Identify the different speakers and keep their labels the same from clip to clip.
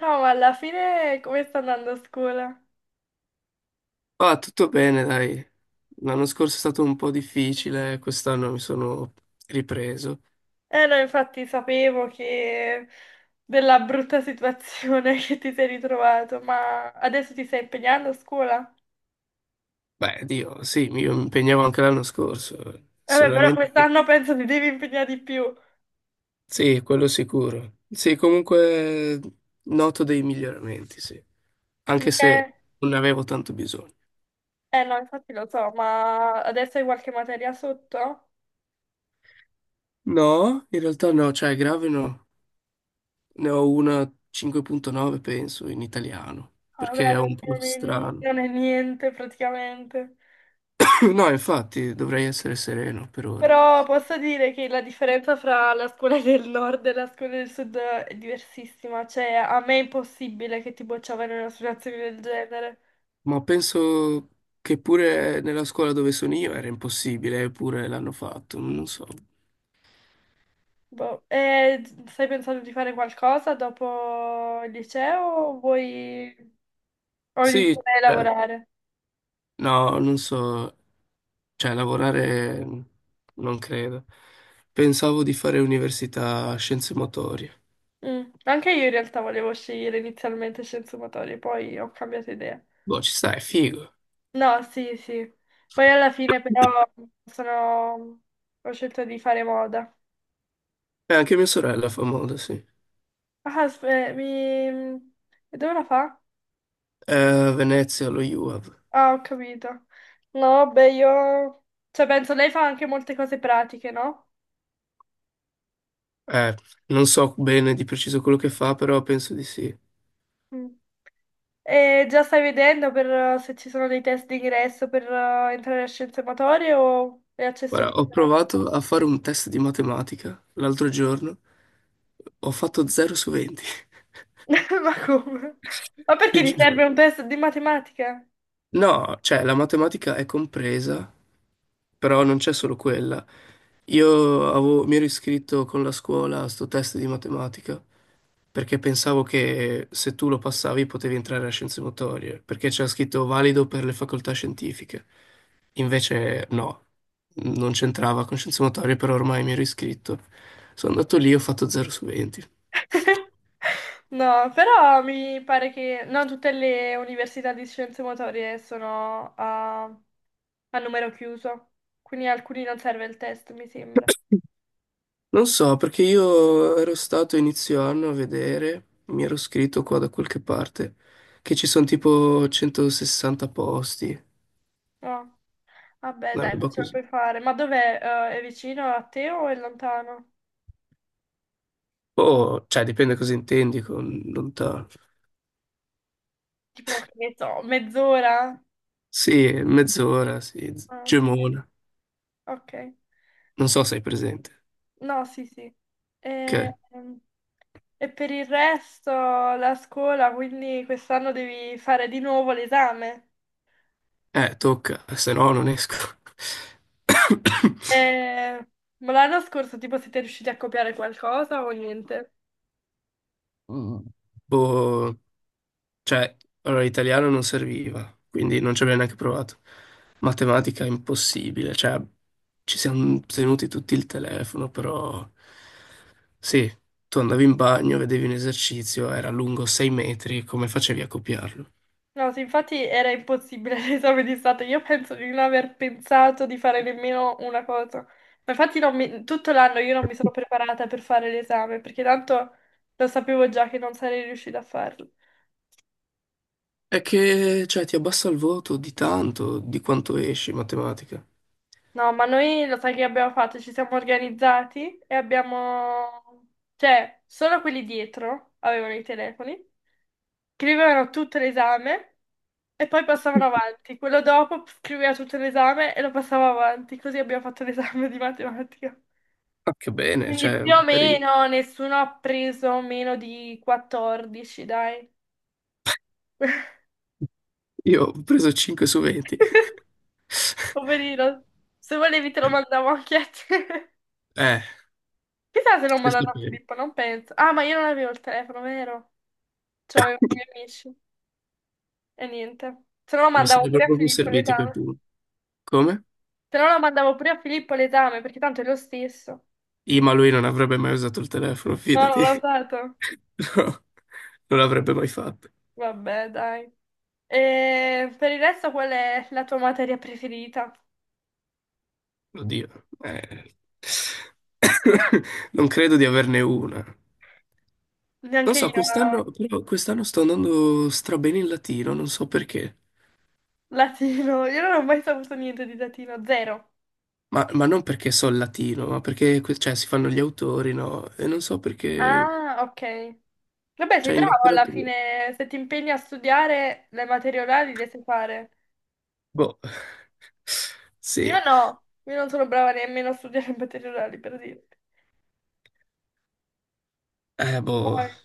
Speaker 1: No, ma alla fine come sta andando a scuola?
Speaker 2: Ah, tutto bene, dai. L'anno scorso è stato un po' difficile, quest'anno mi sono ripreso.
Speaker 1: Eh no, infatti sapevo che della brutta situazione che ti sei ritrovato, ma adesso ti stai impegnando a scuola?
Speaker 2: Beh, Dio, sì, io mi impegnavo anche l'anno scorso,
Speaker 1: Vabbè, però
Speaker 2: solamente che.
Speaker 1: quest'anno penso ti devi impegnare di più.
Speaker 2: Sì, quello sicuro. Sì, comunque noto dei miglioramenti, sì, anche
Speaker 1: Mica
Speaker 2: se
Speaker 1: è-
Speaker 2: non ne avevo tanto bisogno.
Speaker 1: Eh no, infatti lo so, ma adesso hai qualche materia sotto? Ah,
Speaker 2: No, in realtà no, cioè grave no. Ne ho una 5,9, penso, in italiano,
Speaker 1: vabbè,
Speaker 2: perché
Speaker 1: allora
Speaker 2: è un po' strano.
Speaker 1: non è niente praticamente.
Speaker 2: No, infatti, dovrei essere sereno per ora.
Speaker 1: Però posso dire che la differenza fra la scuola del nord e la scuola del sud è diversissima, cioè a me è impossibile che ti bocciavano in una situazione del genere.
Speaker 2: Ma penso che pure nella scuola dove sono io era impossibile, eppure l'hanno fatto, non so.
Speaker 1: Boh. E stai pensando di fare qualcosa dopo il liceo o vuoi o
Speaker 2: Sì,
Speaker 1: iniziare a
Speaker 2: cioè,
Speaker 1: lavorare?
Speaker 2: no, non so, cioè lavorare non credo. Pensavo di fare università scienze motorie.
Speaker 1: Mm. Anche io in realtà volevo scegliere inizialmente scienze motorie, poi ho cambiato idea.
Speaker 2: Boh, ci sta, è figo.
Speaker 1: No, sì, sì. Poi alla fine però sono... ho scelto di fare moda.
Speaker 2: E anche mia sorella fa moda, sì.
Speaker 1: Ah, s- eh, mi... E dove la fa?
Speaker 2: Venezia, lo UAV.
Speaker 1: Ah, ho capito. No, beh, io... Cioè, penso lei fa anche molte cose pratiche, no?
Speaker 2: Eh, non so bene di preciso quello che fa, però penso di sì.
Speaker 1: Mm. E già stai vedendo per, se ci sono dei test d'ingresso per entrare a scienze motorie o è accesso
Speaker 2: Guarda,
Speaker 1: di...
Speaker 2: ho provato a fare un test di matematica l'altro giorno, ho fatto 0 su 20.
Speaker 1: Ma come? Ma perché
Speaker 2: Ti
Speaker 1: ti
Speaker 2: giuro.
Speaker 1: serve un test di matematica?
Speaker 2: No, cioè la matematica è compresa, però non c'è solo quella. Mi ero iscritto con la scuola a sto test di matematica perché pensavo che se tu lo passavi potevi entrare a scienze motorie, perché c'era scritto valido per le facoltà scientifiche. Invece no, non c'entrava con scienze motorie, però ormai mi ero iscritto. Sono andato lì e ho fatto 0 su 20.
Speaker 1: No, però mi pare che non tutte le università di scienze motorie sono a numero chiuso, quindi a alcuni non serve il test, mi sembra.
Speaker 2: Non so, perché io ero stato inizio anno a vedere, mi ero scritto qua da qualche parte, che ci sono tipo 160 posti,
Speaker 1: No. Vabbè,
Speaker 2: una
Speaker 1: dai, ma
Speaker 2: roba
Speaker 1: ce la
Speaker 2: così.
Speaker 1: puoi fare. Ma dov'è? È vicino a te o è lontano?
Speaker 2: Oh, cioè dipende cosa intendi con lontano.
Speaker 1: Tipo, che ne so, mezz'ora?
Speaker 2: Sì, mezz'ora, sì,
Speaker 1: Ah, ok.
Speaker 2: Gemona.
Speaker 1: Ok.
Speaker 2: Non so se hai presente.
Speaker 1: No, sì, sì. E,
Speaker 2: Ok.
Speaker 1: e per il resto la scuola, quindi quest'anno devi fare di nuovo l'esame.
Speaker 2: Tocca, se no non esco.
Speaker 1: Eh, ma l'anno scorso, tipo, siete riusciti a copiare qualcosa o niente?
Speaker 2: Mm. Boh. Cioè, allora italiano non serviva, quindi non ci abbiamo neanche provato. Matematica impossibile, cioè ci siamo tenuti tutti il telefono, però sì, tu andavi in bagno, vedevi un esercizio, era lungo 6 metri, come facevi a copiarlo?
Speaker 1: No, sì, infatti era impossibile l'esame di Stato. Io penso di non aver pensato di fare nemmeno una cosa. Ma infatti non mi- tutto l'anno io non mi sono preparata per fare l'esame, perché tanto lo sapevo già che non sarei riuscita a farlo.
Speaker 2: È che, cioè, ti abbassa il voto di tanto, di quanto esci in matematica.
Speaker 1: No, ma noi lo sai che abbiamo fatto? Ci siamo organizzati e abbiamo... Cioè, solo quelli dietro avevano i telefoni. Scrivevano tutto l'esame e poi passavano avanti. Quello dopo scriveva tutto l'esame e lo passava avanti. Così abbiamo fatto l'esame di matematica.
Speaker 2: Ma che bene,
Speaker 1: Quindi
Speaker 2: cioè,
Speaker 1: più o
Speaker 2: magari-
Speaker 1: meno nessuno ha preso meno di 14, dai.
Speaker 2: io ho preso 5 su 20.
Speaker 1: Poverino. Se volevi te lo mandavo anche a te.
Speaker 2: Eh,
Speaker 1: Chissà se l'ho
Speaker 2: se
Speaker 1: mandato a
Speaker 2: sapevo.
Speaker 1: Filippo, non penso. Ah, ma io non avevo il telefono, vero? Cioè, avevo i miei amici. E niente. Se no lo
Speaker 2: Mi
Speaker 1: mandavo
Speaker 2: sarebbero
Speaker 1: pure a
Speaker 2: proprio
Speaker 1: Filippo
Speaker 2: serviti quei
Speaker 1: l'esame.
Speaker 2: punti. Come?
Speaker 1: Se no lo mandavo pure a Filippo l'esame, perché tanto è lo stesso.
Speaker 2: Ma lui non avrebbe mai usato il telefono,
Speaker 1: No,
Speaker 2: fidati.
Speaker 1: l'ho dato.
Speaker 2: No, non l'avrebbe mai fatto.
Speaker 1: Vabbè, dai. E per il resto, qual è la tua materia preferita?
Speaker 2: Oddio. eh. Non credo di averne una. Non
Speaker 1: Neanche
Speaker 2: so,
Speaker 1: io,
Speaker 2: quest'anno, però quest'anno sto andando strabene in latino, non so perché.
Speaker 1: latino. Io non ho mai saputo niente di latino, zero.
Speaker 2: Ma non perché so il latino, ma perché cioè, si fanno gli autori, no? E non so perché.
Speaker 1: Ah, ok. Vabbè, sei
Speaker 2: Cioè, in
Speaker 1: bravo alla
Speaker 2: letteratura.
Speaker 1: fine, se ti impegni a studiare le materie orali le sai fare.
Speaker 2: Boh.
Speaker 1: Io
Speaker 2: Sì.
Speaker 1: no, io non sono brava nemmeno a studiare le materie orali, per dire.
Speaker 2: Boh.
Speaker 1: Poi,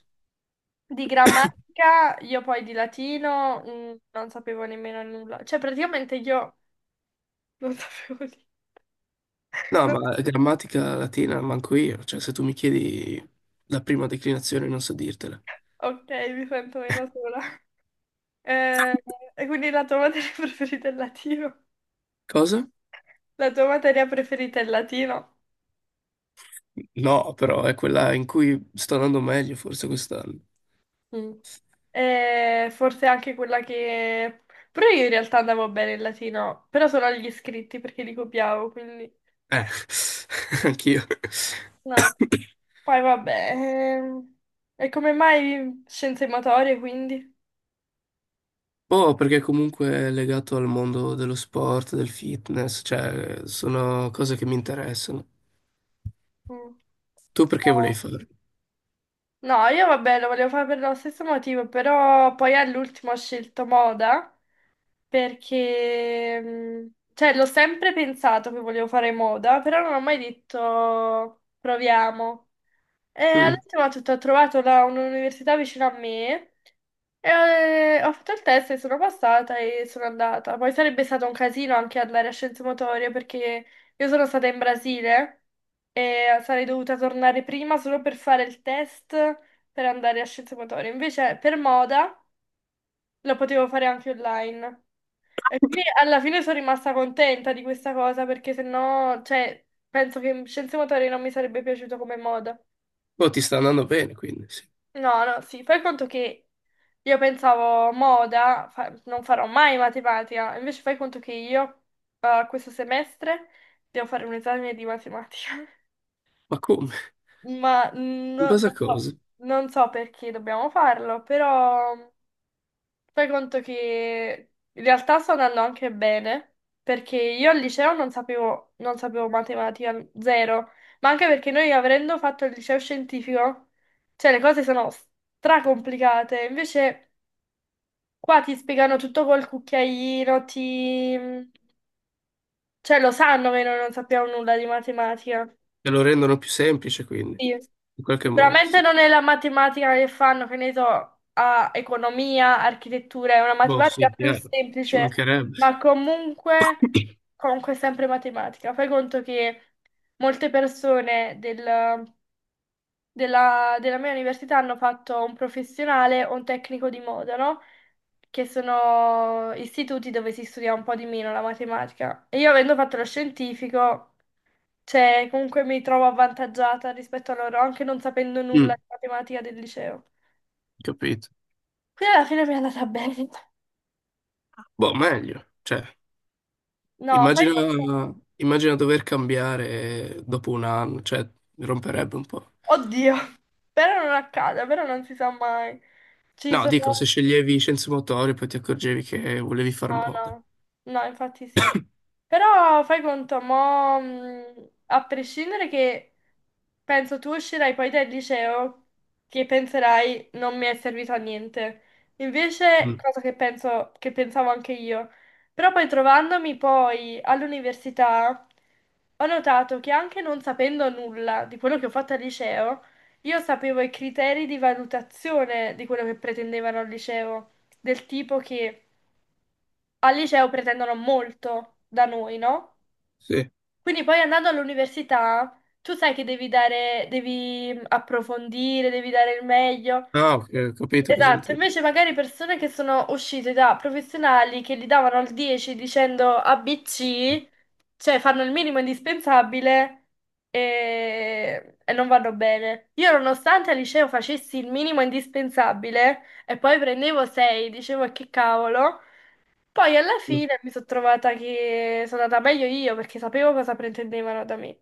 Speaker 1: di grammatica, io poi di latino, non sapevo nemmeno nulla. Cioè, praticamente io non sapevo
Speaker 2: No,
Speaker 1: niente.
Speaker 2: ma grammatica latina manco io, cioè se tu mi chiedi la prima declinazione non so dirtela.
Speaker 1: Ok, mi sento meno sola. Eh, e quindi la tua materia preferita è il latino?
Speaker 2: Cosa?
Speaker 1: La tua materia preferita è il latino?
Speaker 2: No, però è quella in cui sto andando meglio forse quest'anno.
Speaker 1: Mm. E forse anche quella che... Però io in realtà andavo bene il latino, però solo agli iscritti perché li copiavo, quindi...
Speaker 2: Eh, anch'io.
Speaker 1: No. Poi vabbè... e come mai scienze motorie, quindi?
Speaker 2: Oh, perché comunque è legato al mondo dello sport, del fitness, cioè sono cose che mi interessano.
Speaker 1: Mm.
Speaker 2: Tu perché
Speaker 1: No.
Speaker 2: volevi farlo?
Speaker 1: No, io vabbè, lo volevo fare per lo stesso motivo, però poi all'ultimo ho scelto moda perché, cioè, l'ho sempre pensato che volevo fare moda, però non ho mai detto proviamo. E
Speaker 2: Mm.
Speaker 1: all'ultimo ho trovato un'università vicino a me e ho fatto il test e sono passata e sono andata. Poi sarebbe stato un casino anche andare a Scienze Motorie perché io sono stata in Brasile e sarei dovuta tornare prima solo per fare il test per andare a Scienze Motorie. Invece per moda lo potevo fare anche online. E quindi alla fine sono rimasta contenta di questa cosa perché sennò, cioè, penso che Scienze Motorie non mi sarebbe piaciuto come moda.
Speaker 2: Oh, ti sta andando bene, quindi sì.
Speaker 1: No, no, sì, fai conto che io pensavo moda, non farò mai matematica, invece fai conto che io questo semestre devo fare un esame di matematica,
Speaker 2: Ma come? In
Speaker 1: non
Speaker 2: base a
Speaker 1: so,
Speaker 2: cosa?
Speaker 1: non so perché dobbiamo farlo, però fai conto che in realtà sto andando anche bene, perché io al liceo non sapevo, non sapevo matematica zero, ma anche perché noi avendo fatto il liceo scientifico, cioè le cose sono stracomplicate, invece... Qua ti spiegano tutto col cucchiaino, ti... cioè lo sanno che noi non sappiamo nulla di matematica.
Speaker 2: Te lo rendono più semplice, quindi,
Speaker 1: Sì.
Speaker 2: in qualche modo,
Speaker 1: Sicuramente
Speaker 2: sì.
Speaker 1: non è la matematica che fanno, che ne so, a economia, architettura, è una
Speaker 2: Boh,
Speaker 1: matematica
Speaker 2: sì,
Speaker 1: più
Speaker 2: chiaro, ci
Speaker 1: semplice,
Speaker 2: mancherebbe.
Speaker 1: ma comunque, comunque è sempre matematica. Fai conto che molte persone del- della, della mia università hanno fatto un professionale o un tecnico di moda, no? Che sono istituti dove si studia un po' di meno la matematica. E io avendo fatto lo scientifico, cioè, comunque mi trovo avvantaggiata rispetto a loro, anche non sapendo nulla
Speaker 2: Mm,
Speaker 1: di matematica del liceo.
Speaker 2: capito.
Speaker 1: Quindi alla fine mi è andata bene.
Speaker 2: Boh, meglio. Cioè,
Speaker 1: No, fai conto.
Speaker 2: immagina, immagina dover cambiare dopo un anno, cioè, romperebbe un po'.
Speaker 1: Oddio, però non accada, però non si sa mai. Ci
Speaker 2: No, dico, se
Speaker 1: sono...
Speaker 2: sceglievi scienze motorie poi ti accorgevi che volevi far
Speaker 1: No,
Speaker 2: moda.
Speaker 1: no, no, infatti sì. Però fai conto, a prescindere che penso tu uscirai poi dal liceo che penserai non mi è servito a niente. Invece,
Speaker 2: Mm,
Speaker 1: cosa che penso, che pensavo anche io. Però poi trovandomi poi all'università, ho notato che anche non sapendo nulla di quello che ho fatto al liceo, io sapevo i criteri di valutazione di quello che pretendevano al liceo, del tipo che al liceo pretendono molto da noi, no?
Speaker 2: sì.
Speaker 1: Quindi poi andando all'università, tu sai che devi dare, devi approfondire, devi dare il meglio.
Speaker 2: Ah, ok, ho capito cosa
Speaker 1: Esatto,
Speaker 2: intendi.
Speaker 1: invece magari persone che sono uscite da professionali che gli davano il 10 dicendo ABC, cioè fanno il minimo indispensabile e non vanno bene. Io nonostante al liceo facessi il minimo indispensabile e poi prendevo 6, dicevo "E che cavolo. Poi alla fine mi sono trovata che sono andata meglio io perché sapevo cosa pretendevano da me.